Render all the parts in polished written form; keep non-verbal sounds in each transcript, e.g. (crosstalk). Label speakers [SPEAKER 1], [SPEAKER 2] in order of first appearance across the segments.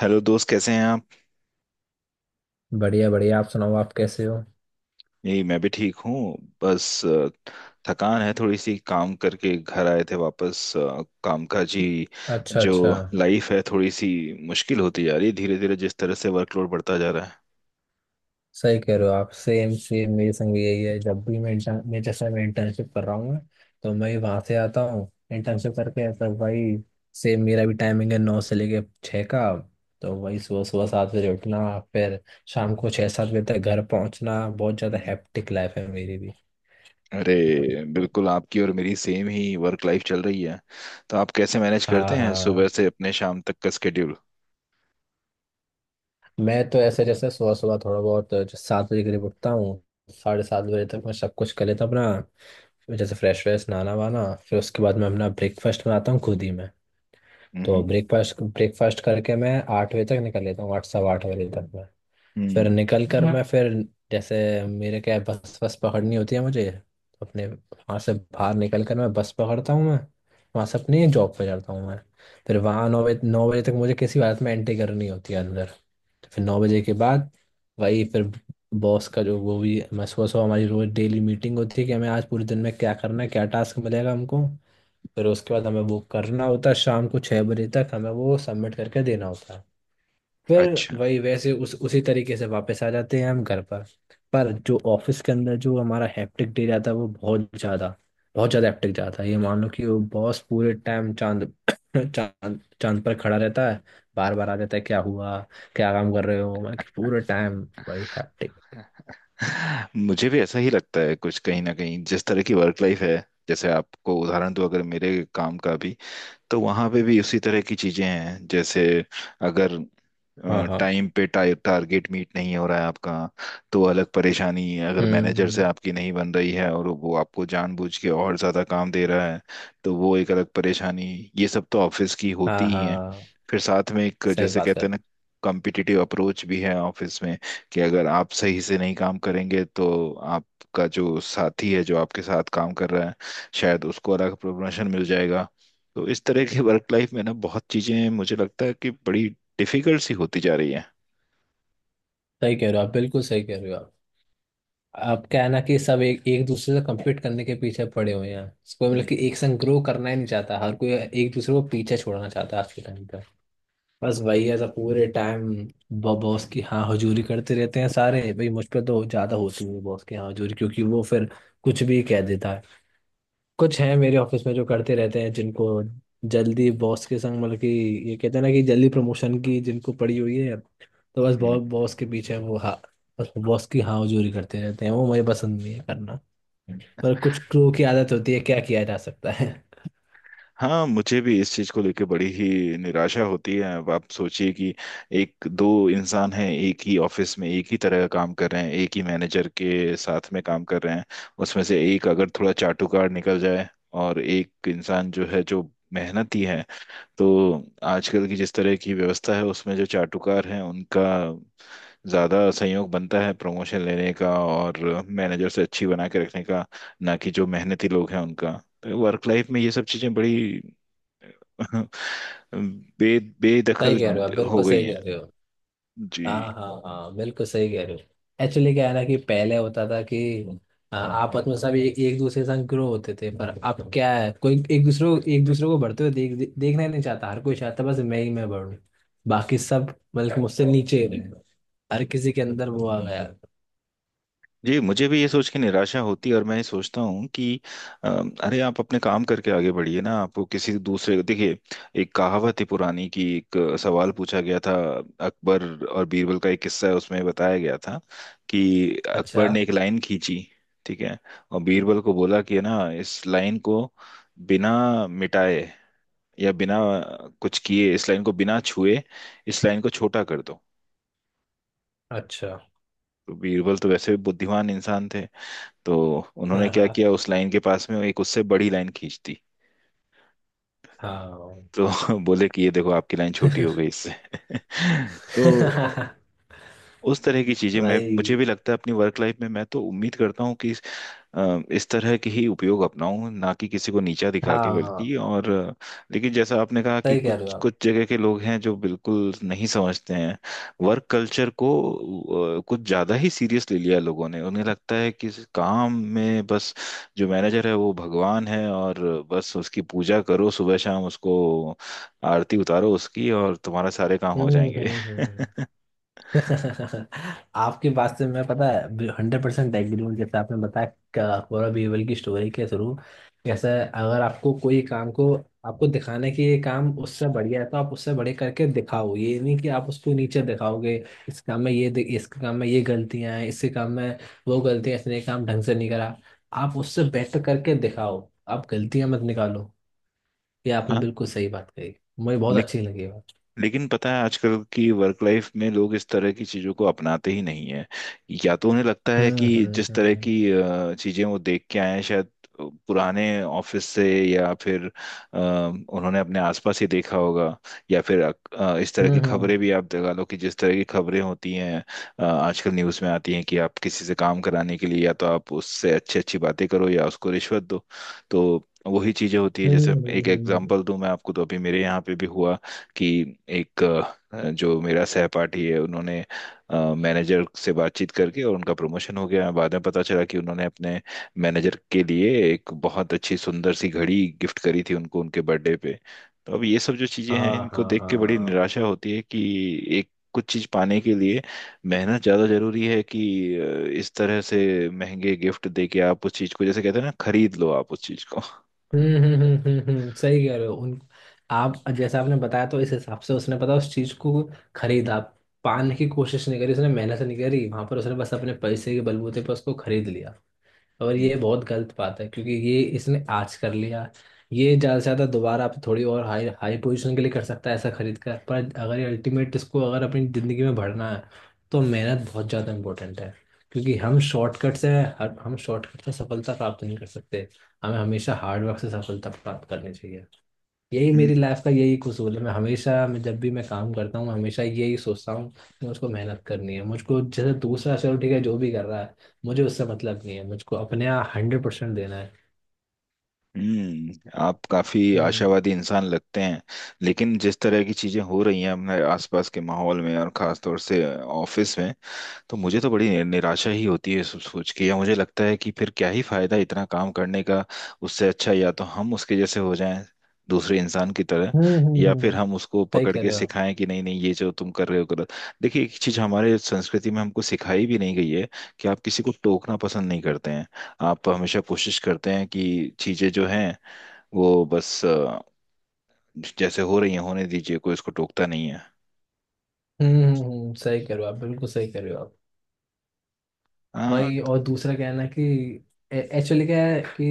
[SPEAKER 1] Hello दोस्त, कैसे हैं आप?
[SPEAKER 2] बढ़िया बढ़िया। आप सुनाओ, आप कैसे हो?
[SPEAKER 1] यही, मैं भी ठीक हूँ। बस थकान है थोड़ी सी, काम करके घर आए थे वापस कामकाजी
[SPEAKER 2] अच्छा
[SPEAKER 1] जो
[SPEAKER 2] अच्छा।
[SPEAKER 1] लाइफ है, थोड़ी सी मुश्किल होती जा रही है धीरे धीरे, जिस तरह से वर्कलोड बढ़ता जा रहा है।
[SPEAKER 2] सही कह रहे हो आप। सेम सेम मेरे संग भी यही है। जब भी मैं इंटर्न मैं जैसे मैं इंटर्नशिप कर रहा हूँ, तो मैं वहां से आता हूँ इंटर्नशिप करके, तो भाई सेम मेरा भी टाइमिंग है, 9 से लेके 6 का। तो वही सुबह सुबह 7 बजे उठना, फिर शाम को 6-7 बजे तक घर पहुंचना। बहुत
[SPEAKER 1] हम्म।
[SPEAKER 2] ज़्यादा
[SPEAKER 1] हम्म।
[SPEAKER 2] हैप्टिक लाइफ है मेरी भी।
[SPEAKER 1] अरे बिल्कुल, आपकी और मेरी सेम ही वर्क लाइफ चल रही है। तो आप कैसे मैनेज करते
[SPEAKER 2] हाँ
[SPEAKER 1] हैं सुबह
[SPEAKER 2] हाँ,
[SPEAKER 1] से अपने शाम तक का स्केड्यूल?
[SPEAKER 2] मैं तो ऐसे जैसे सुबह सुबह थोड़ा बहुत जो 7 बजे करीब उठता हूँ, साढ़े 7 बजे तक मैं सब कुछ कर लेता हूँ अपना। मैं जैसे फ्रेश व्रेश, नहाना वाना। फिर उसके बाद मैं अपना ब्रेकफास्ट बनाता हूँ खुद ही मैं। तो
[SPEAKER 1] हम्म
[SPEAKER 2] ब्रेकफास्ट ब्रेकफास्ट करके मैं 8 बजे तक निकल लेता हूँ, 8 सवा 8 बजे तक मैं। फिर
[SPEAKER 1] हम्म
[SPEAKER 2] निकल कर हम्म, मैं फिर जैसे मेरे क्या है, बस बस पकड़नी होती है मुझे। तो अपने वहाँ से बाहर निकल कर मैं बस पकड़ता हूँ मैं, वहाँ से अपनी जॉब पे जाता हूँ मैं। फिर वहाँ 9 बजे 9 बजे तक मुझे किसी हालत में एंट्री करनी होती है अंदर। तो फिर 9 बजे के बाद वही फिर बॉस का जो वो भी, मैं सुबह सुबह हमारी रोज डेली मीटिंग होती है कि हमें आज पूरे दिन में क्या करना है, क्या टास्क मिलेगा हमको। फिर उसके बाद हमें वो करना होता है, शाम को 6 बजे तक हमें वो सबमिट करके देना होता है। फिर
[SPEAKER 1] अच्छा,
[SPEAKER 2] वही वैसे उस उसी तरीके से वापस आ जाते हैं हम घर पर। पर जो ऑफिस के अंदर जो हमारा हैप्टिक डे जाता है, वो बहुत ज्यादा, बहुत ज्यादा हैप्टिक जाता है। ये मान लो कि वो बॉस पूरे टाइम चांद (coughs) चांद चांद पर खड़ा रहता है। बार बार आ जाता है, क्या हुआ, क्या काम कर रहे हो, मैं कि पूरे टाइम वही हैप्टिक।
[SPEAKER 1] मुझे भी ऐसा ही लगता है कुछ कहीं ना कहीं। जिस तरह की वर्क लाइफ है, जैसे आपको उदाहरण दूं अगर मेरे काम का भी, तो वहां पे भी उसी तरह की चीजें हैं। जैसे अगर
[SPEAKER 2] हाँ हाँ।
[SPEAKER 1] टाइम पे टारगेट मीट नहीं हो रहा है आपका, तो अलग परेशानी। अगर मैनेजर से
[SPEAKER 2] हम्म।
[SPEAKER 1] आपकी नहीं बन रही है और वो आपको जानबूझ के और ज्यादा काम दे रहा है, तो वो एक अलग परेशानी। ये सब तो ऑफिस की होती
[SPEAKER 2] हाँ
[SPEAKER 1] ही है।
[SPEAKER 2] हाँ,
[SPEAKER 1] फिर साथ में एक,
[SPEAKER 2] सही
[SPEAKER 1] जैसे
[SPEAKER 2] बात
[SPEAKER 1] कहते
[SPEAKER 2] है।
[SPEAKER 1] हैं ना, कॉम्पिटिटिव अप्रोच भी है ऑफिस में। कि अगर आप सही से नहीं काम करेंगे, तो आपका जो साथी है, जो आपके साथ काम कर रहा है, शायद उसको अलग प्रमोशन मिल जाएगा। तो इस तरह की वर्क लाइफ में ना, बहुत चीजें मुझे लगता है कि बड़ी डिफिकल्ट सी होती जा रही है
[SPEAKER 2] सही कह रहे हो आप, बिल्कुल सही कह रहे हो आप। अब क्या है ना कि सब एक एक दूसरे से कम्पीट करने के पीछे पड़े हुए हैं। कोई मतलब कि
[SPEAKER 1] हम्म
[SPEAKER 2] एक संग ग्रो करना ही नहीं चाहता, हर कोई एक दूसरे को पीछे छोड़ना चाहता है आज के टाइम पे। बस वही है, सब पूरे टाइम बॉस की हाँ हजूरी करते रहते हैं सारे। भाई, मुझ पे तो ज्यादा होती है बॉस की हाँ हजूरी, क्योंकि वो फिर कुछ भी कह देता है। कुछ हैं मेरे ऑफिस में जो करते रहते हैं, जिनको जल्दी बॉस के संग मतलब कि, ये कहते हैं ना कि जल्दी प्रमोशन की जिनको पड़ी हुई है, तो बस
[SPEAKER 1] हम्म।
[SPEAKER 2] बॉस बॉस के पीछे वो हाँ, बस बॉस की हाँ हजूरी करते रहते हैं। वो मुझे पसंद नहीं है करना, पर कुछ क्रू की आदत होती है, क्या किया जा सकता है।
[SPEAKER 1] हाँ, मुझे भी इस चीज को लेके बड़ी ही निराशा होती है। अब आप सोचिए कि एक दो इंसान हैं, एक ही ऑफिस में, एक ही तरह का काम कर रहे हैं, एक ही मैनेजर के साथ में काम कर रहे हैं। उसमें से एक अगर थोड़ा चाटुकार निकल जाए, और एक इंसान जो है जो मेहनती है, तो आजकल की जिस तरह की व्यवस्था है, उसमें जो चाटुकार हैं उनका ज़्यादा सहयोग बनता है प्रमोशन लेने का और मैनेजर से अच्छी बना के रखने का, ना कि जो मेहनती लोग हैं उनका। तो वर्क लाइफ में ये सब चीज़ें बड़ी (laughs) बे
[SPEAKER 2] (laughs) सही
[SPEAKER 1] बेदखल
[SPEAKER 2] कह रहे हो आप,
[SPEAKER 1] हो
[SPEAKER 2] बिल्कुल
[SPEAKER 1] गई
[SPEAKER 2] सही
[SPEAKER 1] हैं
[SPEAKER 2] कह रहे हो।
[SPEAKER 1] जी।
[SPEAKER 2] हाँ हाँ हाँ, बिल्कुल सही कह रहे हो। एक्चुअली क्या है ना कि पहले होता था कि आपस में सब एक एक दूसरे के साथ ग्रो होते थे। पर अब क्या है, कोई एक दूसरे को बढ़ते हुए देखना ही नहीं चाहता। हर कोई चाहता है बस मैं ही मैं बढ़ूं, बाकी सब बल्कि मुझसे नीचे ही रहे। हर किसी के अंदर वो आ गया।
[SPEAKER 1] जी, मुझे भी ये सोच के निराशा होती है। और मैं ये सोचता हूँ कि अ, अरे, आप अपने काम करके आगे बढ़िए ना, आपको किसी दूसरे, देखिए, एक कहावत है पुरानी कि एक सवाल पूछा गया था। अकबर और बीरबल का एक किस्सा है, उसमें बताया गया था कि
[SPEAKER 2] अच्छा
[SPEAKER 1] अकबर ने एक लाइन खींची, ठीक है, और बीरबल को बोला कि ना, इस लाइन को बिना मिटाए या बिना कुछ किए, इस लाइन को बिना छुए, इस लाइन को छोटा कर दो।
[SPEAKER 2] अच्छा।
[SPEAKER 1] तो बीरबल तो वैसे भी बुद्धिमान इंसान थे, तो उन्होंने
[SPEAKER 2] हाँ
[SPEAKER 1] क्या
[SPEAKER 2] हाँ
[SPEAKER 1] किया, उस लाइन के पास में एक उससे बड़ी लाइन खींच दी।
[SPEAKER 2] हाँ।
[SPEAKER 1] तो (laughs) बोले कि ये देखो, आपकी लाइन छोटी हो
[SPEAKER 2] (laughs)
[SPEAKER 1] गई इससे। (laughs) तो उस तरह की चीजें, मैं
[SPEAKER 2] भाई।
[SPEAKER 1] मुझे भी लगता है अपनी वर्क लाइफ में। मैं तो उम्मीद करता हूँ कि इस तरह के ही उपयोग अपनाऊं, ना कि किसी को नीचा दिखा के,
[SPEAKER 2] हाँ।
[SPEAKER 1] बल्कि लेकिन जैसा आपने कहा कि
[SPEAKER 2] सही कह रहे
[SPEAKER 1] कुछ
[SPEAKER 2] हो आप।
[SPEAKER 1] कुछ जगह के लोग हैं जो बिल्कुल नहीं समझते हैं वर्क कल्चर को। कुछ ज्यादा ही सीरियस ले लिया लोगों ने, उन्हें लगता है कि इस काम में बस जो मैनेजर है वो भगवान है, और बस उसकी पूजा करो सुबह शाम, उसको आरती उतारो उसकी, और तुम्हारा सारे काम हो जाएंगे। (laughs)
[SPEAKER 2] हम्म। (laughs) आपकी बात से मैं पता है 100% एग्री हूँ। जैसे आपने बताया, पूरा बीरबल की स्टोरी के थ्रू, जैसे अगर आपको कोई काम को आपको दिखाने की ये काम उससे बढ़िया है, तो आप उससे बड़े करके दिखाओ। ये नहीं कि आप उसको नीचे दिखाओगे, इस काम में ये इस काम में ये गलतियां हैं, इसके काम में वो गलतियां, इसने ये काम ढंग से नहीं करा। आप उससे बेटर करके दिखाओ, आप गलतियां मत निकालो। ये आपने
[SPEAKER 1] हाँ,
[SPEAKER 2] बिल्कुल सही बात कही, मुझे बहुत अच्छी लगी ये बात।
[SPEAKER 1] लेकिन पता है आजकल की वर्क लाइफ में लोग इस तरह की चीजों को अपनाते ही नहीं है या तो उन्हें लगता है
[SPEAKER 2] हम्म
[SPEAKER 1] कि
[SPEAKER 2] हम्म
[SPEAKER 1] जिस तरह
[SPEAKER 2] हम्म
[SPEAKER 1] की चीजें वो देख के आए हैं, शायद पुराने ऑफिस से, या फिर उन्होंने अपने आसपास ही देखा होगा, या फिर इस तरह
[SPEAKER 2] हम्म
[SPEAKER 1] की
[SPEAKER 2] हम्म
[SPEAKER 1] खबरें
[SPEAKER 2] हम्म
[SPEAKER 1] भी, आप लगा लो कि जिस तरह की खबरें होती हैं, आजकल न्यूज़ में आती हैं कि आप किसी से काम कराने के लिए या तो आप उससे अच्छी अच्छी बातें करो या उसको रिश्वत दो। तो वही चीजें होती है
[SPEAKER 2] हम्म,
[SPEAKER 1] जैसे एक
[SPEAKER 2] हम्म, हम्म।
[SPEAKER 1] एग्जांपल दूं मैं आपको, तो अभी मेरे यहाँ पे भी हुआ कि एक जो मेरा सहपाठी है, उन्होंने मैनेजर से बातचीत करके, और उनका प्रमोशन हो गया। बाद में पता चला कि उन्होंने अपने मैनेजर के लिए एक बहुत अच्छी सुंदर सी घड़ी गिफ्ट करी थी उनको, उनके बर्थडे पे। तो अब ये सब जो चीजें हैं,
[SPEAKER 2] हाँ
[SPEAKER 1] इनको
[SPEAKER 2] हाँ
[SPEAKER 1] देख के बड़ी
[SPEAKER 2] हाँ।
[SPEAKER 1] निराशा होती है कि एक कुछ चीज पाने के लिए मेहनत ज्यादा जरूरी है कि इस तरह से महंगे गिफ्ट दे के आप उस चीज को, जैसे कहते हैं ना, खरीद लो आप उस चीज को।
[SPEAKER 2] सही कह रहे हो। उन, आप जैसा आपने बताया, तो इस हिसाब से उसने पता उस चीज को खरीदा, पाने की कोशिश नहीं करी उसने, मेहनत नहीं करी वहां पर उसने, बस अपने पैसे के बलबूते पर उसको खरीद लिया। और ये बहुत गलत बात है, क्योंकि ये इसने आज कर लिया, ये ज्यादा से ज्यादा दोबारा आप थोड़ी और हाई हाई पोजीशन के लिए कर सकता है ऐसा खरीद कर, पर अगर ये अल्टीमेट इसको अगर अपनी जिंदगी में भरना है, तो मेहनत बहुत ज्यादा इंपॉर्टेंट है। क्योंकि हम शॉर्टकट से, हम शॉर्टकट से सफलता प्राप्त नहीं कर सकते। हमें हमेशा हार्डवर्क से सफलता प्राप्त करनी चाहिए। यही
[SPEAKER 1] हम्म
[SPEAKER 2] मेरी लाइफ का यही कसूल है। मैं हमेशा, मैं जब भी मैं काम करता हूँ, हमेशा यही सोचता हूँ कि मुझको मेहनत करनी है। मुझको जैसे दूसरा चलो ठीक है जो भी कर रहा है, मुझे उससे मतलब नहीं है, मुझको अपने यहाँ 100% देना है।
[SPEAKER 1] आप काफी
[SPEAKER 2] हम्म
[SPEAKER 1] आशावादी इंसान लगते हैं। लेकिन जिस तरह की चीजें हो रही हैं अपने आसपास के माहौल में और खास तौर से ऑफिस में, तो मुझे तो बड़ी निराशा ही होती है सब सोच के। या मुझे लगता है कि फिर क्या ही फायदा इतना काम करने का, उससे अच्छा या तो हम उसके जैसे हो जाएं, दूसरे इंसान की तरह,
[SPEAKER 2] हम्म हम्म
[SPEAKER 1] या फिर
[SPEAKER 2] हम्म,
[SPEAKER 1] हम उसको
[SPEAKER 2] सही
[SPEAKER 1] पकड़
[SPEAKER 2] कर
[SPEAKER 1] के
[SPEAKER 2] रहे हो आप।
[SPEAKER 1] सिखाएं कि नहीं नहीं, ये जो तुम कर रहे हो गलत देखिए, एक चीज हमारे संस्कृति में हमको सिखाई भी नहीं गई है, कि आप किसी को टोकना पसंद नहीं करते हैं। आप हमेशा कोशिश करते हैं कि चीजें जो हैं वो बस, जैसे हो रही हैं होने दीजिए, कोई उसको टोकता नहीं
[SPEAKER 2] सही कर रहे हो आप, बिल्कुल सही कर रहे हो आप। वही।
[SPEAKER 1] है।
[SPEAKER 2] और दूसरा क्या है ना कि, एक्चुअली क्या है कि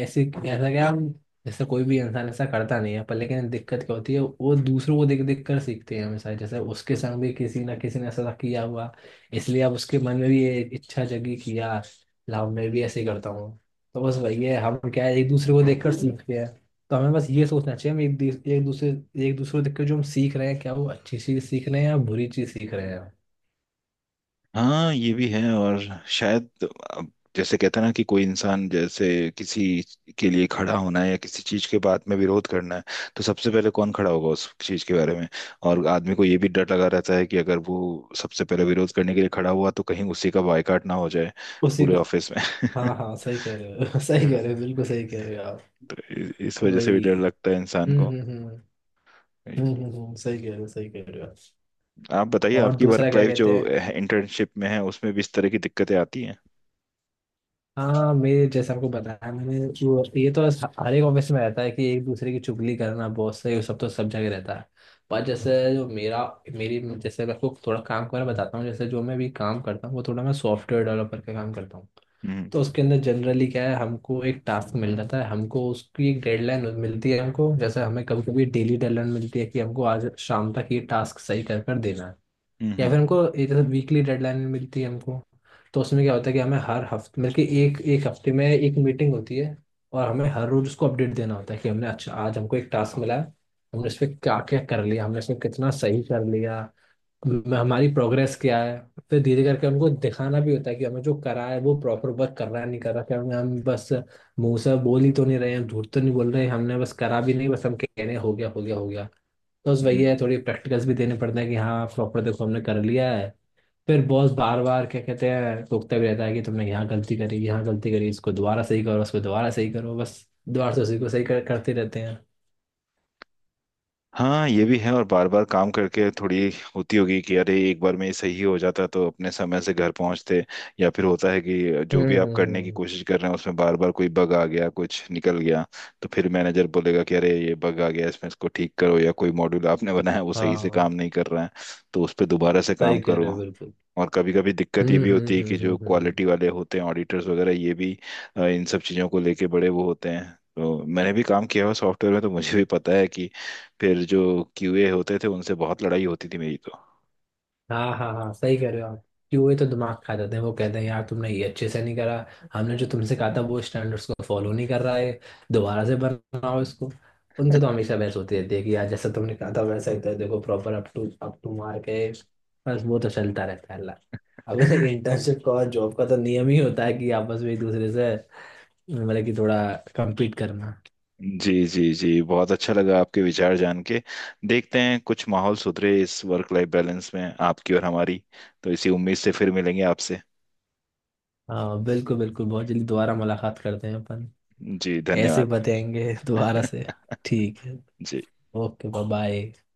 [SPEAKER 2] ऐसे ऐसा क्या हम, जैसे कोई भी इंसान ऐसा करता नहीं है, पर लेकिन दिक्कत क्या होती है, वो दूसरों को देख देख कर सीखते हैं हमेशा। जैसे उसके संग भी किसी ना किसी ने ऐसा किया हुआ, इसलिए अब उसके मन में भी ये इच्छा जगी कि यार, लाओ मैं भी ऐसे ही करता हूँ। तो बस वही है, हम क्या है, एक दूसरे को देख कर सीखते हैं। तो हमें बस ये सोचना चाहिए, हम एक एक दूसरे, एक दूसरे को देख कर जो हम सीख रहे हैं, क्या वो अच्छी चीज़ सीख रहे हैं या बुरी चीज़ सीख रहे हैं।
[SPEAKER 1] हाँ, ये भी है। और शायद, अब जैसे कहते हैं ना, कि कोई इंसान, जैसे किसी के लिए खड़ा होना है या किसी चीज के बात में विरोध करना है, तो सबसे पहले कौन खड़ा होगा उस चीज के बारे में। और आदमी को ये भी डर लगा रहता है कि अगर वो सबसे पहले विरोध करने के लिए खड़ा हुआ तो कहीं उसी का बायकॉट ना हो जाए
[SPEAKER 2] उसी।
[SPEAKER 1] पूरे ऑफिस में।
[SPEAKER 2] हाँ हाँ,
[SPEAKER 1] (laughs)
[SPEAKER 2] सही कह रहे हो। (laughs) सही कह रहे हो, बिल्कुल सही कह रहे हो आप।
[SPEAKER 1] तो इस वजह से भी डर
[SPEAKER 2] वही।
[SPEAKER 1] लगता है इंसान को।
[SPEAKER 2] हम्म। सही कह रहे हो, सही कह रहे हो।
[SPEAKER 1] आप बताइए,
[SPEAKER 2] और
[SPEAKER 1] आपकी
[SPEAKER 2] दूसरा
[SPEAKER 1] वर्क
[SPEAKER 2] क्या
[SPEAKER 1] लाइफ जो
[SPEAKER 2] कहते हैं,
[SPEAKER 1] इंटर्नशिप में है, उसमें भी इस तरह की दिक्कतें आती हैं?
[SPEAKER 2] हाँ मेरे जैसे आपको बताया मैंने, वो ये तो हर एक ऑफिस में रहता है कि एक दूसरे की चुगली करना बॉस से, ये सब तो सब जगह रहता है। पर जैसे जो मेरा, मेरी जैसे मैं आपको थोड़ा काम के बारे में बताता हूँ, जैसे जो मैं भी काम करता हूँ, वो थोड़ा मैं सॉफ्टवेयर डेवलपर का काम करता हूँ।
[SPEAKER 1] हम्म
[SPEAKER 2] तो उसके अंदर जनरली क्या है, हमको एक टास्क मिल जाता है, हमको उसकी एक डेडलाइन मिलती है हमको। जैसे हमें कभी कभी डेली डेडलाइन मिलती है कि हमको आज शाम तक ये टास्क सही कर कर देना है,
[SPEAKER 1] हम्म
[SPEAKER 2] या
[SPEAKER 1] हम्म
[SPEAKER 2] फिर हमको एक जैसे वीकली डेडलाइन मिलती है हमको। तो उसमें क्या होता है कि हमें हर हफ्ते, बल्कि एक एक हफ्ते में एक मीटिंग होती है, और हमें हर रोज उसको अपडेट देना होता है कि हमने अच्छा आज हमको एक टास्क मिला है, हमने इस पे क्या क्या कर लिया, हमने इसमें कितना सही कर लिया, हमारी प्रोग्रेस क्या है। फिर धीरे करके हमको दिखाना भी होता है कि हमें जो करा है वो प्रॉपर वर्क कर रहा है नहीं कर रहा, हम बस मुंह से बोल ही तो नहीं रहे हैं, झूठ तो नहीं बोल रहे, हमने बस करा भी नहीं, बस हम कह रहे हैं हो गया हो गया हो गया। तो बस वही है,
[SPEAKER 1] हम्म।
[SPEAKER 2] थोड़ी प्रैक्टिकल्स भी देने पड़ते हैं कि हाँ प्रॉपर देखो हमने कर लिया है। फिर बॉस बार बार क्या कहते हैं, टोकता भी रहता है कि तुमने यहाँ गलती करी, यहाँ गलती करी, इसको दोबारा सही करो, उसको दोबारा सही करो, बस दोबारा से उसी को करते रहते हैं।
[SPEAKER 1] हाँ, ये भी है। और बार बार काम करके थोड़ी होती होगी कि अरे एक बार में ये सही हो जाता तो अपने समय से घर पहुंचते। या फिर होता है कि जो भी आप करने की
[SPEAKER 2] हम्म।
[SPEAKER 1] कोशिश कर रहे हैं उसमें बार बार कोई बग आ गया, कुछ निकल गया, तो फिर मैनेजर बोलेगा कि अरे ये बग आ गया इसमें, इसको ठीक करो, या कोई मॉड्यूल आपने बनाया वो सही से काम
[SPEAKER 2] हाँ,
[SPEAKER 1] नहीं कर रहा है, तो उस पर दोबारा से
[SPEAKER 2] सही
[SPEAKER 1] काम
[SPEAKER 2] कह
[SPEAKER 1] करो।
[SPEAKER 2] रहे हो बिल्कुल।
[SPEAKER 1] और कभी कभी दिक्कत ये
[SPEAKER 2] हम्म
[SPEAKER 1] भी
[SPEAKER 2] हम्म
[SPEAKER 1] होती है
[SPEAKER 2] हम्म
[SPEAKER 1] कि जो
[SPEAKER 2] हम्म हम्म।
[SPEAKER 1] क्वालिटी वाले होते हैं, ऑडिटर्स वगैरह, ये भी इन सब चीज़ों को लेके बड़े वो होते हैं। तो मैंने भी काम किया हुआ सॉफ्टवेयर में, तो मुझे भी पता है कि फिर जो क्यूए होते थे उनसे बहुत लड़ाई होती थी मेरी तो।
[SPEAKER 2] हाँ हाँ हाँ, सही कह रहे हो आप। कि वो ही तो दिमाग खा जाते हैं, वो कहते हैं यार तुमने ये अच्छे से नहीं करा, हमने जो तुमसे कहा था वो स्टैंडर्ड्स को फॉलो नहीं कर रहा है, दोबारा से बनाओ इसको। उनसे तो हमेशा बहस होती रहती है कि यार जैसा तुमने कहा था वैसा ही तो है, देखो प्रॉपर अप टू मार्क है। बस वो तो चलता रहता है, अल्लाह। अब (laughs) इंटर्नशिप का और जॉब का तो नियम ही होता है कि आपस में एक दूसरे से मतलब कि थोड़ा कम्पीट करना।
[SPEAKER 1] जी जी जी, बहुत अच्छा लगा आपके विचार जान के। देखते हैं कुछ माहौल सुधरे इस वर्क लाइफ बैलेंस में, आपकी और हमारी। तो इसी उम्मीद से फिर मिलेंगे आपसे।
[SPEAKER 2] हाँ बिल्कुल बिल्कुल, बहुत जल्दी दोबारा मुलाकात करते हैं अपन।
[SPEAKER 1] जी,
[SPEAKER 2] ऐसे ही
[SPEAKER 1] धन्यवाद।
[SPEAKER 2] बताएंगे दोबारा से।
[SPEAKER 1] (laughs)
[SPEAKER 2] ठीक है।
[SPEAKER 1] जी।
[SPEAKER 2] Okay bye bye.